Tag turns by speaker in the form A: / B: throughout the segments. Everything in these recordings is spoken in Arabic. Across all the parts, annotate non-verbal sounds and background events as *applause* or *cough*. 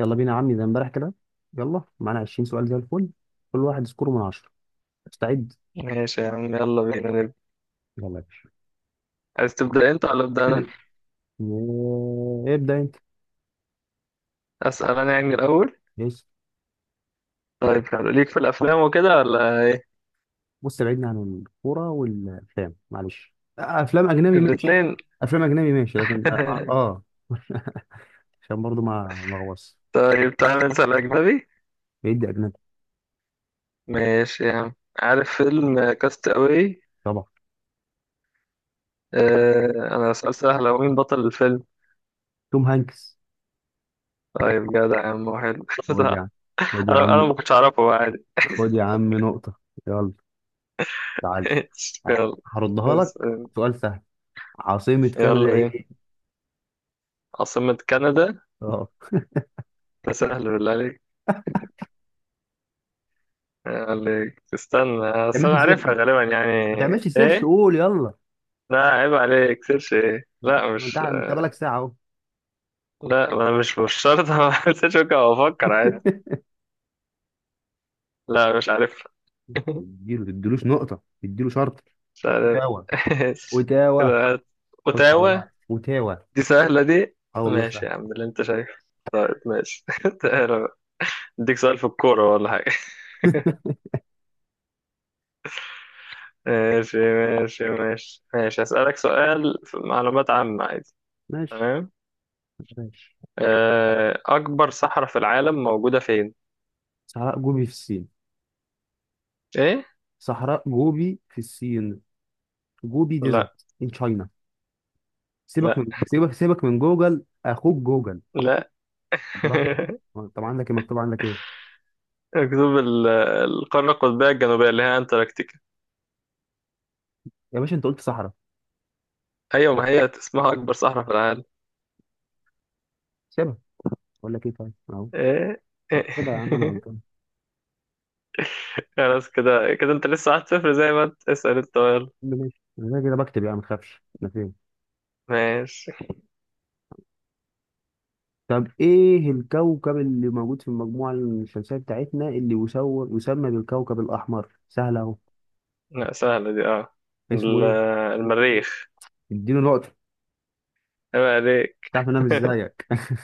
A: يلا بينا يا عمي زي امبارح كده. يلا معانا 20 سؤال زي الفل. كل واحد سكوره من 10. مستعد؟
B: ماشي يا عم، يلا بينا نبدأ.
A: يلا يا باشا.
B: عايز تبدأ انت ولا أبدأ أنا؟
A: ابدا انت.
B: أسأل أنا يعني الأول؟
A: بص
B: طيب حلو، ليك في الأفلام وكده ولا إيه؟
A: بص بعدنا عن الكوره والافلام معلش. افلام اجنبي ماشي.
B: الاتنين.
A: افلام اجنبي ماشي، لكن اه
B: *laughs*
A: *laughs* عشان برضو ما اغوص
B: طيب تعالى نسأل أجنبي.
A: بعيد اجنبي.
B: ماشي يا عم. عارف فيلم كاست أواي؟
A: طبعا.
B: آه، أنا سؤال سهل، هو مين بطل الفيلم؟
A: توم هانكس.
B: طيب جدع يا عم، حلو. *laughs*
A: خد يا عم،
B: صح.
A: خد يا
B: أنا
A: عم،
B: ما كنتش أعرفه، هو عادي.
A: خد يا عم نقطه. يلا. معلش.
B: *laughs* يلا
A: هردها لك.
B: اسأل.
A: سؤال سهل، عاصمة كندا
B: يلا بينا.
A: ايه؟
B: عاصمة كندا.
A: اه،
B: ده سهل بالله عليك. يلا عليك. استنى،
A: يا
B: أصل أنا
A: ماشي سر،
B: عارفها غالبا يعني.
A: ما تعملش سيرش،
B: إيه؟
A: قول يلا.
B: لا عيب عليك، سيرش ايه؟
A: ما انت،
B: لا
A: ما انت
B: مش.
A: انت بقالك ساعه اهو.
B: لا، ما أنا مش شرط. *laughs* اعمل سيرش، ممكن افكر عادي. لا مش عارف. *laughs*
A: اديله، تديلوش نقطة، اديله شرط.
B: مش عارف.
A: تاوه،
B: *laughs*
A: وتاوه،
B: كده هات.
A: خش على
B: اوتاوا.
A: بعض، وتاوه.
B: دي سهلة دي.
A: اه والله سهل.
B: ماشي يا عم اللي انت شايفه. طيب ماشي. *laughs* تعالى بقى، اديك سؤال في الكورة ولا حاجة.
A: *laughs*
B: *laughs* ماشي، هسألك سؤال في معلومات عامة عادي.
A: ماشي
B: تمام.
A: ماشي.
B: أكبر صحراء في العالم موجودة فين؟
A: صحراء جوبي في الصين.
B: إيه؟
A: صحراء جوبي في الصين. جوبي
B: لا.
A: ديزرت ان تشاينا. سيبك
B: لا.
A: من، سيبك من جوجل، اخوك جوجل.
B: لا.
A: براحتك.
B: *laughs*
A: هو طب عندك ايه مكتوب عندك ايه؟
B: القطب القارة القطبية الجنوبية اللي هي أنتاركتيكا.
A: يا باشا انت قلت صحراء.
B: أيوة، ما هي اسمها أكبر صحراء في العالم.
A: سيبها، اقول لك ايه طيب اهو.
B: إيه. إيه.
A: احسبها يا عم انا
B: *laughs*
A: غلطان.
B: خلاص، كده كده أنت لسه واحد صفر. زي ما أنت اسأل أنت، يلا.
A: يا عم ماشي، انا كده كده بكتب يعني ما تخافش انا فين.
B: ماشي.
A: طب ايه الكوكب اللي موجود في المجموعة الشمسية بتاعتنا اللي يسمى بالكوكب الأحمر؟ سهل أهو.
B: لا سهلة دي، أه.
A: اسمه
B: ال-
A: ايه؟
B: المريخ.
A: اديله نقطة.
B: عيب عليك.
A: مش تعرف إن أنا مش
B: *laughs*
A: زيك. *laughs*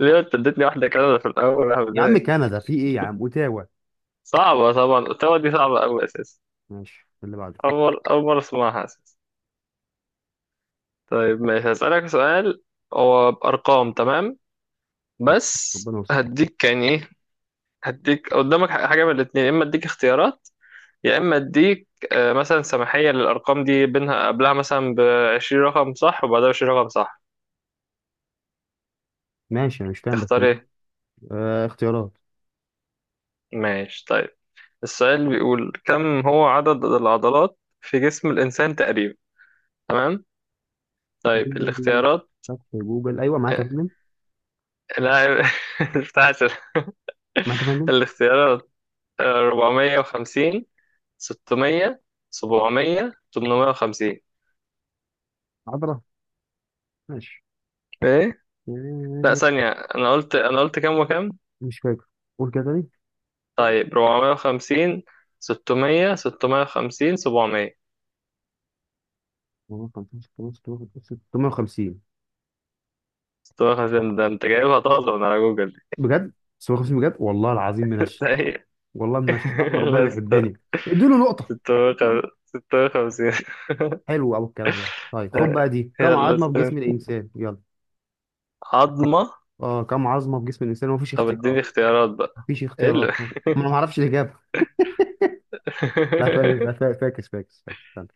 B: ليه أنت اديتني واحدة كده في الأول يا
A: يا عم
B: بداية؟
A: كندا في ايه؟ يا عم اوتاوا.
B: صعبة طبعا، التوا دي صعبة أوي أساسا.
A: ماشي اللي بعده.
B: أول مرة أسمعها أساسا. طيب ماشي، هسألك سؤال. هو بأرقام، تمام. بس
A: ربنا يستر.
B: هديك يعني إيه. هديك قدامك حاجة من الاتنين، يا إما أديك اختيارات، يا إما أديك، مثلا سماحية للأرقام دي، بينها قبلها مثلا بعشرين رقم صح وبعدها بعشرين رقم صح.
A: ماشي انا مش فاهم بس.
B: تختار إيه؟
A: آه اختيارات.
B: ماشي طيب. السؤال بيقول كم هو عدد العضلات في جسم الإنسان تقريبا؟ تمام؟ طيب الاختيارات.
A: فتح جوجل ايوه معاك يا
B: آه،
A: فندم.
B: لا. *laughs* بتاعت
A: معاك يا فندم.
B: الاختيارات. 450، 600، 700، 850.
A: عبره. ماشي.
B: إيه؟ لا
A: آه،
B: ثانية، أنا قلت كام وكام؟
A: مش فاكر، قول كده تاني.
B: طيب 450، 600، 650، 700.
A: 15 15 16 650.
B: 650 ده انت جايبها طازة من على جوجل دي.
A: بجد 650 بجد، والله العظيم
B: *laughs*
A: منش.
B: طيب.
A: والله من الشيطان، ربنا
B: لا
A: بيحبني. اديله نقطة.
B: 650، 650.
A: حلو أوي الكلام ده. طيب خد
B: *laughs*
A: بقى دي، كم
B: يلا
A: عظمة في
B: استنى،
A: جسم الإنسان؟ يلا.
B: عظمة.
A: اه، كم عظمة في جسم الإنسان؟ مفيش
B: طب اديني
A: اختيارات.
B: اختيارات بقى.
A: مفيش
B: ايه اللي؟ *laughs*
A: اختيارات، ما أنا معرفش الإجابة. لا فاكس، لا فا- فاكس فاكس فاكس استنى.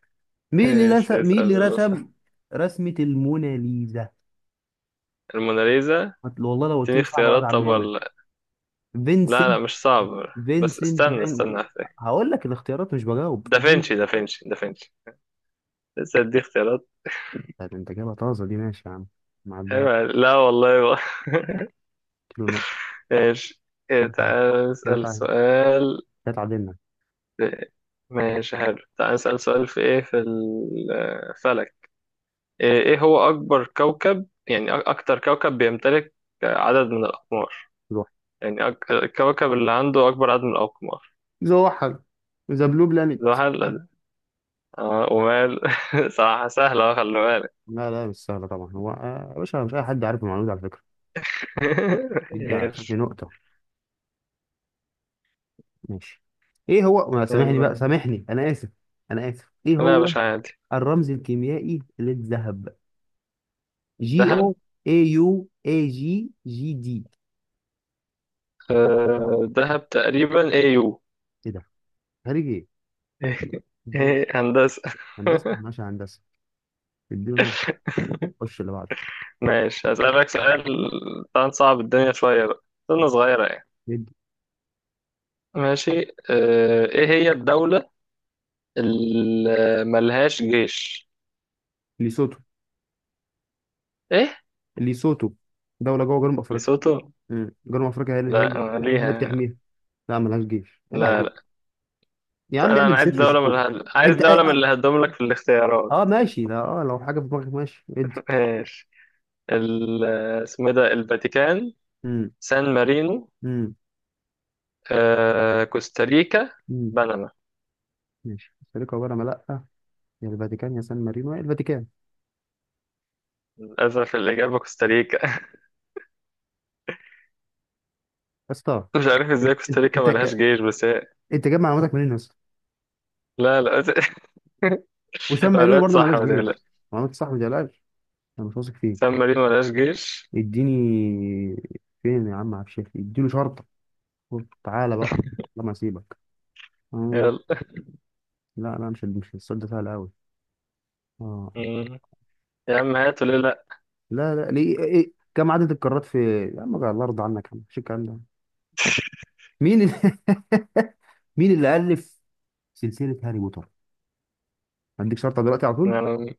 A: مين اللي
B: ايش
A: رسم، مين
B: اسأل
A: اللي
B: يلا.
A: رسم
B: صح.
A: رسمة الموناليزا؟
B: الموناليزا.
A: والله لو قلت
B: اديني
A: لي صعب رد
B: اختيارات
A: عن
B: طب
A: منك.
B: ولا. لا لا
A: فينسنت،
B: مش صعب. بس
A: فينسنت
B: استنى
A: فين.
B: استنى احتاج.
A: هقول لك الاختيارات، مش بجاوب.
B: دافنشي دافنشي. لسه ادي اختيارات.
A: طب انت جايبها طازة دي، ماشي يا عم. معدها.
B: ايوه لا والله بقى. *laughs*
A: اديله نقطة.
B: ماشي. إيه،
A: كده تعادل،
B: تعال
A: كده
B: نسأل
A: تعادل،
B: سؤال.
A: كده تعادلنا.
B: في- ماشي حلو، تعال نسأل سؤال في ايه، في الفلك. ايه، إيه هو اكبر كوكب؟ يعني اكتر كوكب بيمتلك عدد من الاقمار. يعني أك... الكوكب اللي عنده اكبر عدد من الاقمار.
A: زوحل. ذا بلو بلانيت.
B: زحل ده. اه ومال. *laughs* صراحة سهلة أهو، خلي بالك.
A: لا لا، مش سهلة طبعا. هو يا باشا مش أي حد عارف المعلومة دي على فكرة.
B: *laughs*
A: دي ده بشكل
B: ماشي.
A: نقطة. ماشي. إيه هو، ما سامحني بقى،
B: يلا.
A: سامحني أنا آسف. أنا آسف إيه
B: لا
A: هو.
B: مش عادي.
A: الرمز الكيميائي للذهب. جي
B: الذهب.
A: أو. اي يو، اي جي، جي دي.
B: الذهب تقريبا ايه يو.
A: إيه ده؟ خارج إيه؟
B: *laughs*
A: إديله-
B: ايه هندسة.
A: هندسة،
B: *laughs*
A: ماشي هندسة. إديله نقطة. خش اللي بعده.
B: ماشي، هسألك سؤال. طبعا صعب الدنيا شوية بقى، سنة صغيرة يعني.
A: ندي.
B: ماشي. اه، ايه هي الدولة اللي ملهاش جيش؟
A: ليسوتو.
B: ايه؟
A: ليسوتو، دولة جوه جنوب أفريقيا.
B: ليسوتو؟
A: مم. جنوب أفريقيا هي اللي هي
B: لا
A: اللي
B: ما
A: هي اللي
B: ليها.
A: بتحميها. لا ملهاش جيش
B: لا.
A: عيب.
B: لا.
A: يا
B: طيب
A: عم
B: انا
A: اعمل
B: عايز
A: سيرش
B: دولة من
A: شوف.
B: الهد... عايز
A: انت
B: دولة من
A: اه،
B: اللي هدوم لك في الاختيارات.
A: آه ماشي، لا اه لو حاجه في دماغك ماشي ادي.
B: *laughs* ماشي. ال... اسمه إيه ده، الفاتيكان.
A: امم.
B: سان مارينو.
A: امم.
B: آه... كوستاريكا.
A: امم.
B: بنما.
A: ماشي السليقه عباره عن لا. يا الفاتيكان، يا سان مارينو، يا الفاتيكان، يا
B: للأسف الإجابة كوستاريكا. *laughs*
A: اسطى.
B: مش عارف
A: انت
B: ازاي كوستاريكا
A: انت
B: ملهاش
A: انت،
B: جيش، بس هي.
A: أنت جايب معلوماتك منين يا اسطى؟
B: لا. لا.
A: وسان
B: *laughs*
A: مارينو
B: قررت
A: برضه
B: صح
A: مالهاش
B: ما
A: جيش.
B: تقلقش.
A: معلومات صح ما تقلقش. انا مش واثق
B: سان
A: فيك.
B: مارينو ملهاش جيش.
A: اديني. فين يا عم عبد الشافي، اديله شرطه. قلت تعالى بقى لما اسيبك. آه.
B: يلا.
A: لا لا، مش السؤال ده سهل قوي. اه.
B: مم. يا عم هاتوا ليه لأ.
A: لا لا ليه إيه؟ إيه، كم عدد القارات في؟ يا عم الله يرضى عنك يا عم، مش الكلام ده. مين اللي *laughs* مين اللي ألف سلسلة هاري بوتر؟ هديك شرطة دلوقتي على طول.
B: يعني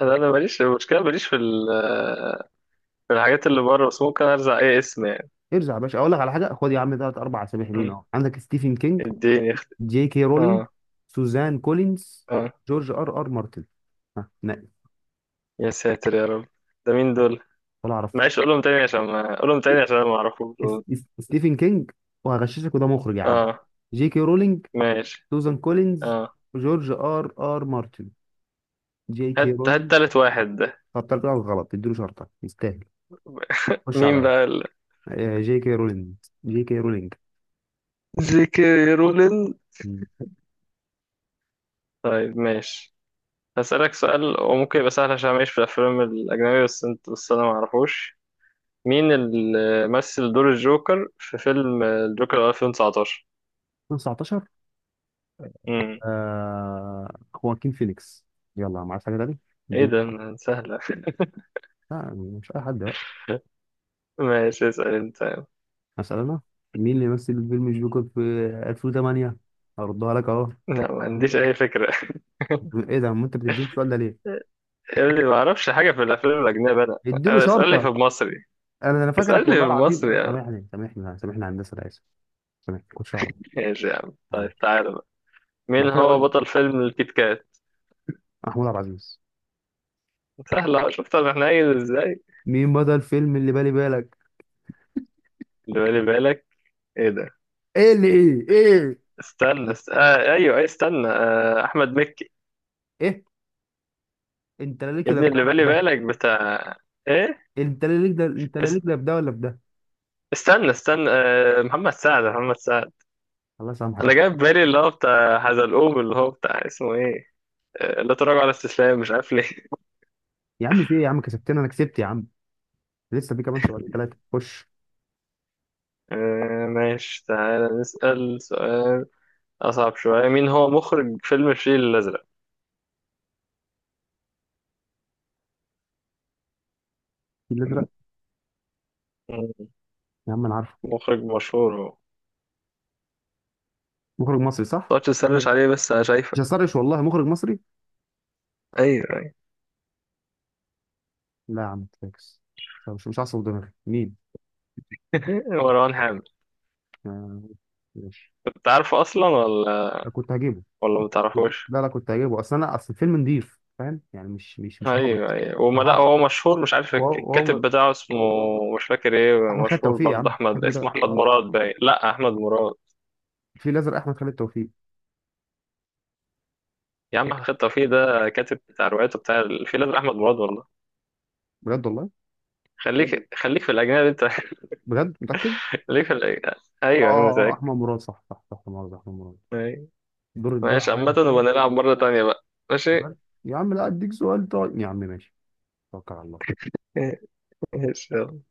B: أنا ماليش، المشكلة ماليش في في الحاجات اللي بره، بس ممكن أرزع أي اسم يعني.
A: ارجع يا باشا أقول لك على حاجة. خد يا عم تلات أربع أسامي حلوين
B: مم.
A: أهو، عندك ستيفن كينج،
B: اديني اخت...
A: جي كي رولينج،
B: آه.
A: سوزان كولينز،
B: آه.
A: جورج آر آر مارتن. ها نقي.
B: يا ساتر يا رب، ده مين دول؟
A: ولا أعرف.
B: معلش قولهم تاني، عشان ما قولهم تاني عشان أنا معرفوش دول.
A: ستيفن كينج، وهغششك وده مخرج يا عم.
B: آه.
A: جي كي رولينج،
B: ماشي.
A: سوزان كولينز،
B: آه.
A: جورج آر آر مارتن. جي كي
B: هات هات
A: رولينز.
B: تالت واحد ده.
A: طب طلع غلط اديله شرطة يستاهل. خش
B: مين
A: عليا.
B: بقى ال...؟
A: آه، جي كي رولينج، جي كي رولينج.
B: جيكي رولينج. طيب ماشي، هسألك سؤال وممكن يبقى سهل، عشان ماليش في الأفلام الأجنبية بس أنت، بس أنا معرفوش. مين اللي مثل دور الجوكر في فيلم الجوكر 2019؟
A: 2019.
B: امم.
A: آه. خواكين فينيكس. يلا، ما عرفت حاجه تاني.
B: ايه
A: دي-
B: ده ما سهلة.
A: لا مش اي حد بقى.
B: *laughs* ماشي اسأل انت.
A: مثلا انا، مين اللي مثل فيلم جوكر في 2008؟ هردها لك اهو.
B: لا ما عنديش اي فكرة. *laughs*
A: ايه ده، ما انت بتديني السؤال ده ليه؟
B: يا ابني ما اعرفش حاجة في الافلام الاجنبية انا.
A: اديله
B: أنا اسألني
A: شرطه.
B: في المصري.
A: انا
B: اسألني
A: فاكرك
B: في
A: والله العظيم،
B: المصري يا عم.
A: سامحني سامحني سامحني هندسه انا اسف. سامحني كنتش اعرف.
B: ماشي يا عم. طيب
A: معلش.
B: تعالى بقى،
A: بعد
B: مين
A: كده
B: هو
A: اقول.
B: بطل فيلم الكيت كات؟
A: محمود عبد العزيز.
B: سهلة، شفت انا حنين ازاي.
A: مين بدا الفيلم اللي بالي بالك؟
B: اللي بالي بالك. ايه ده؟
A: ايه اللي ايه ايه؟
B: استنى آه ايوه، أيوة، استنى، آه احمد مكي.
A: ايه، انت لا ليك
B: يا
A: لا
B: ابني
A: في ده
B: اللي
A: ولا في
B: بالي
A: ده.
B: بالك بتاع ايه؟
A: انت لا ليك ده، انت لا ليك لا في ده ولا في ده.
B: استنى آه، محمد سعد.
A: الله يسامحك.
B: انا جاي في بالي اللي هو بتاع حزلقوم، اللي هو بتاع اسمه ايه، آه، لا تراجع ولا استسلام، مش عارف ليه. *laughs*
A: يا عم في ايه يا عم، كسبتنا، انا كسبت يا عم. لسه في كمان سؤال ثلاثه خش.
B: آه، ماشي تعالى نسأل سؤال اصعب شوية. مين هو مخرج فيلم الفيل الازرق؟
A: الفيل الازرق.
B: مم،
A: يا عم انا عارفه.
B: مخرج مشهور هو.
A: مخرج مصري صح.
B: متقعدش تسرش عليه بس انا
A: مش
B: شايفك.
A: هسرش والله. مخرج مصري.
B: ايوه ايوه.
A: لا يا عم فاكس. طب مش، مش هعصب دماغي، مين؟
B: *laughs* مروان حامد.
A: آه، ماشي.
B: كنت عارفه اصلا ولا
A: أنا كنت هجيبه.
B: ولا
A: كنت
B: متعرفوش؟
A: لا لا، كنت هجيبه، اصل انا اصل الفيلم نضيف فاهم يعني، مش مش
B: ايوه
A: هابط.
B: ايوه، وما لا
A: اها.
B: هو مشهور. مش عارف
A: وهو
B: الكاتب
A: وهو-
B: بتاعه اسمه مش فاكر ايه.
A: احمد خالد
B: مشهور
A: توفيق يا
B: برضه
A: عم
B: احمد،
A: الكاتب
B: اسمه
A: ده
B: احمد
A: اه.
B: مراد باين، لا احمد مراد.
A: الفيل الازرق احمد خالد توفيق.
B: يا عم احمد توفيق ده كاتب، بتاع روايته بتاع الفيل الازرق احمد مراد والله، ايوه.
A: بجد والله.
B: خليك في الاجنبي انت. *laughs*
A: بجد متاكد.
B: خليك في الأجنبي.
A: اه
B: ايوه انا
A: اه آه،
B: متأكد.
A: احمد مراد صح صح صح. مراد، احمد مراد.
B: أيوة.
A: دور الدور
B: ماشي،
A: عليا
B: عامة
A: يا
B: نبقى
A: اخويا.
B: نلعب مرة تانية بقى. ماشي.
A: بس يا عم، لا اديك سؤال طيب يا عم ماشي. توكل على الله.
B: *laughs* ماشي يلا.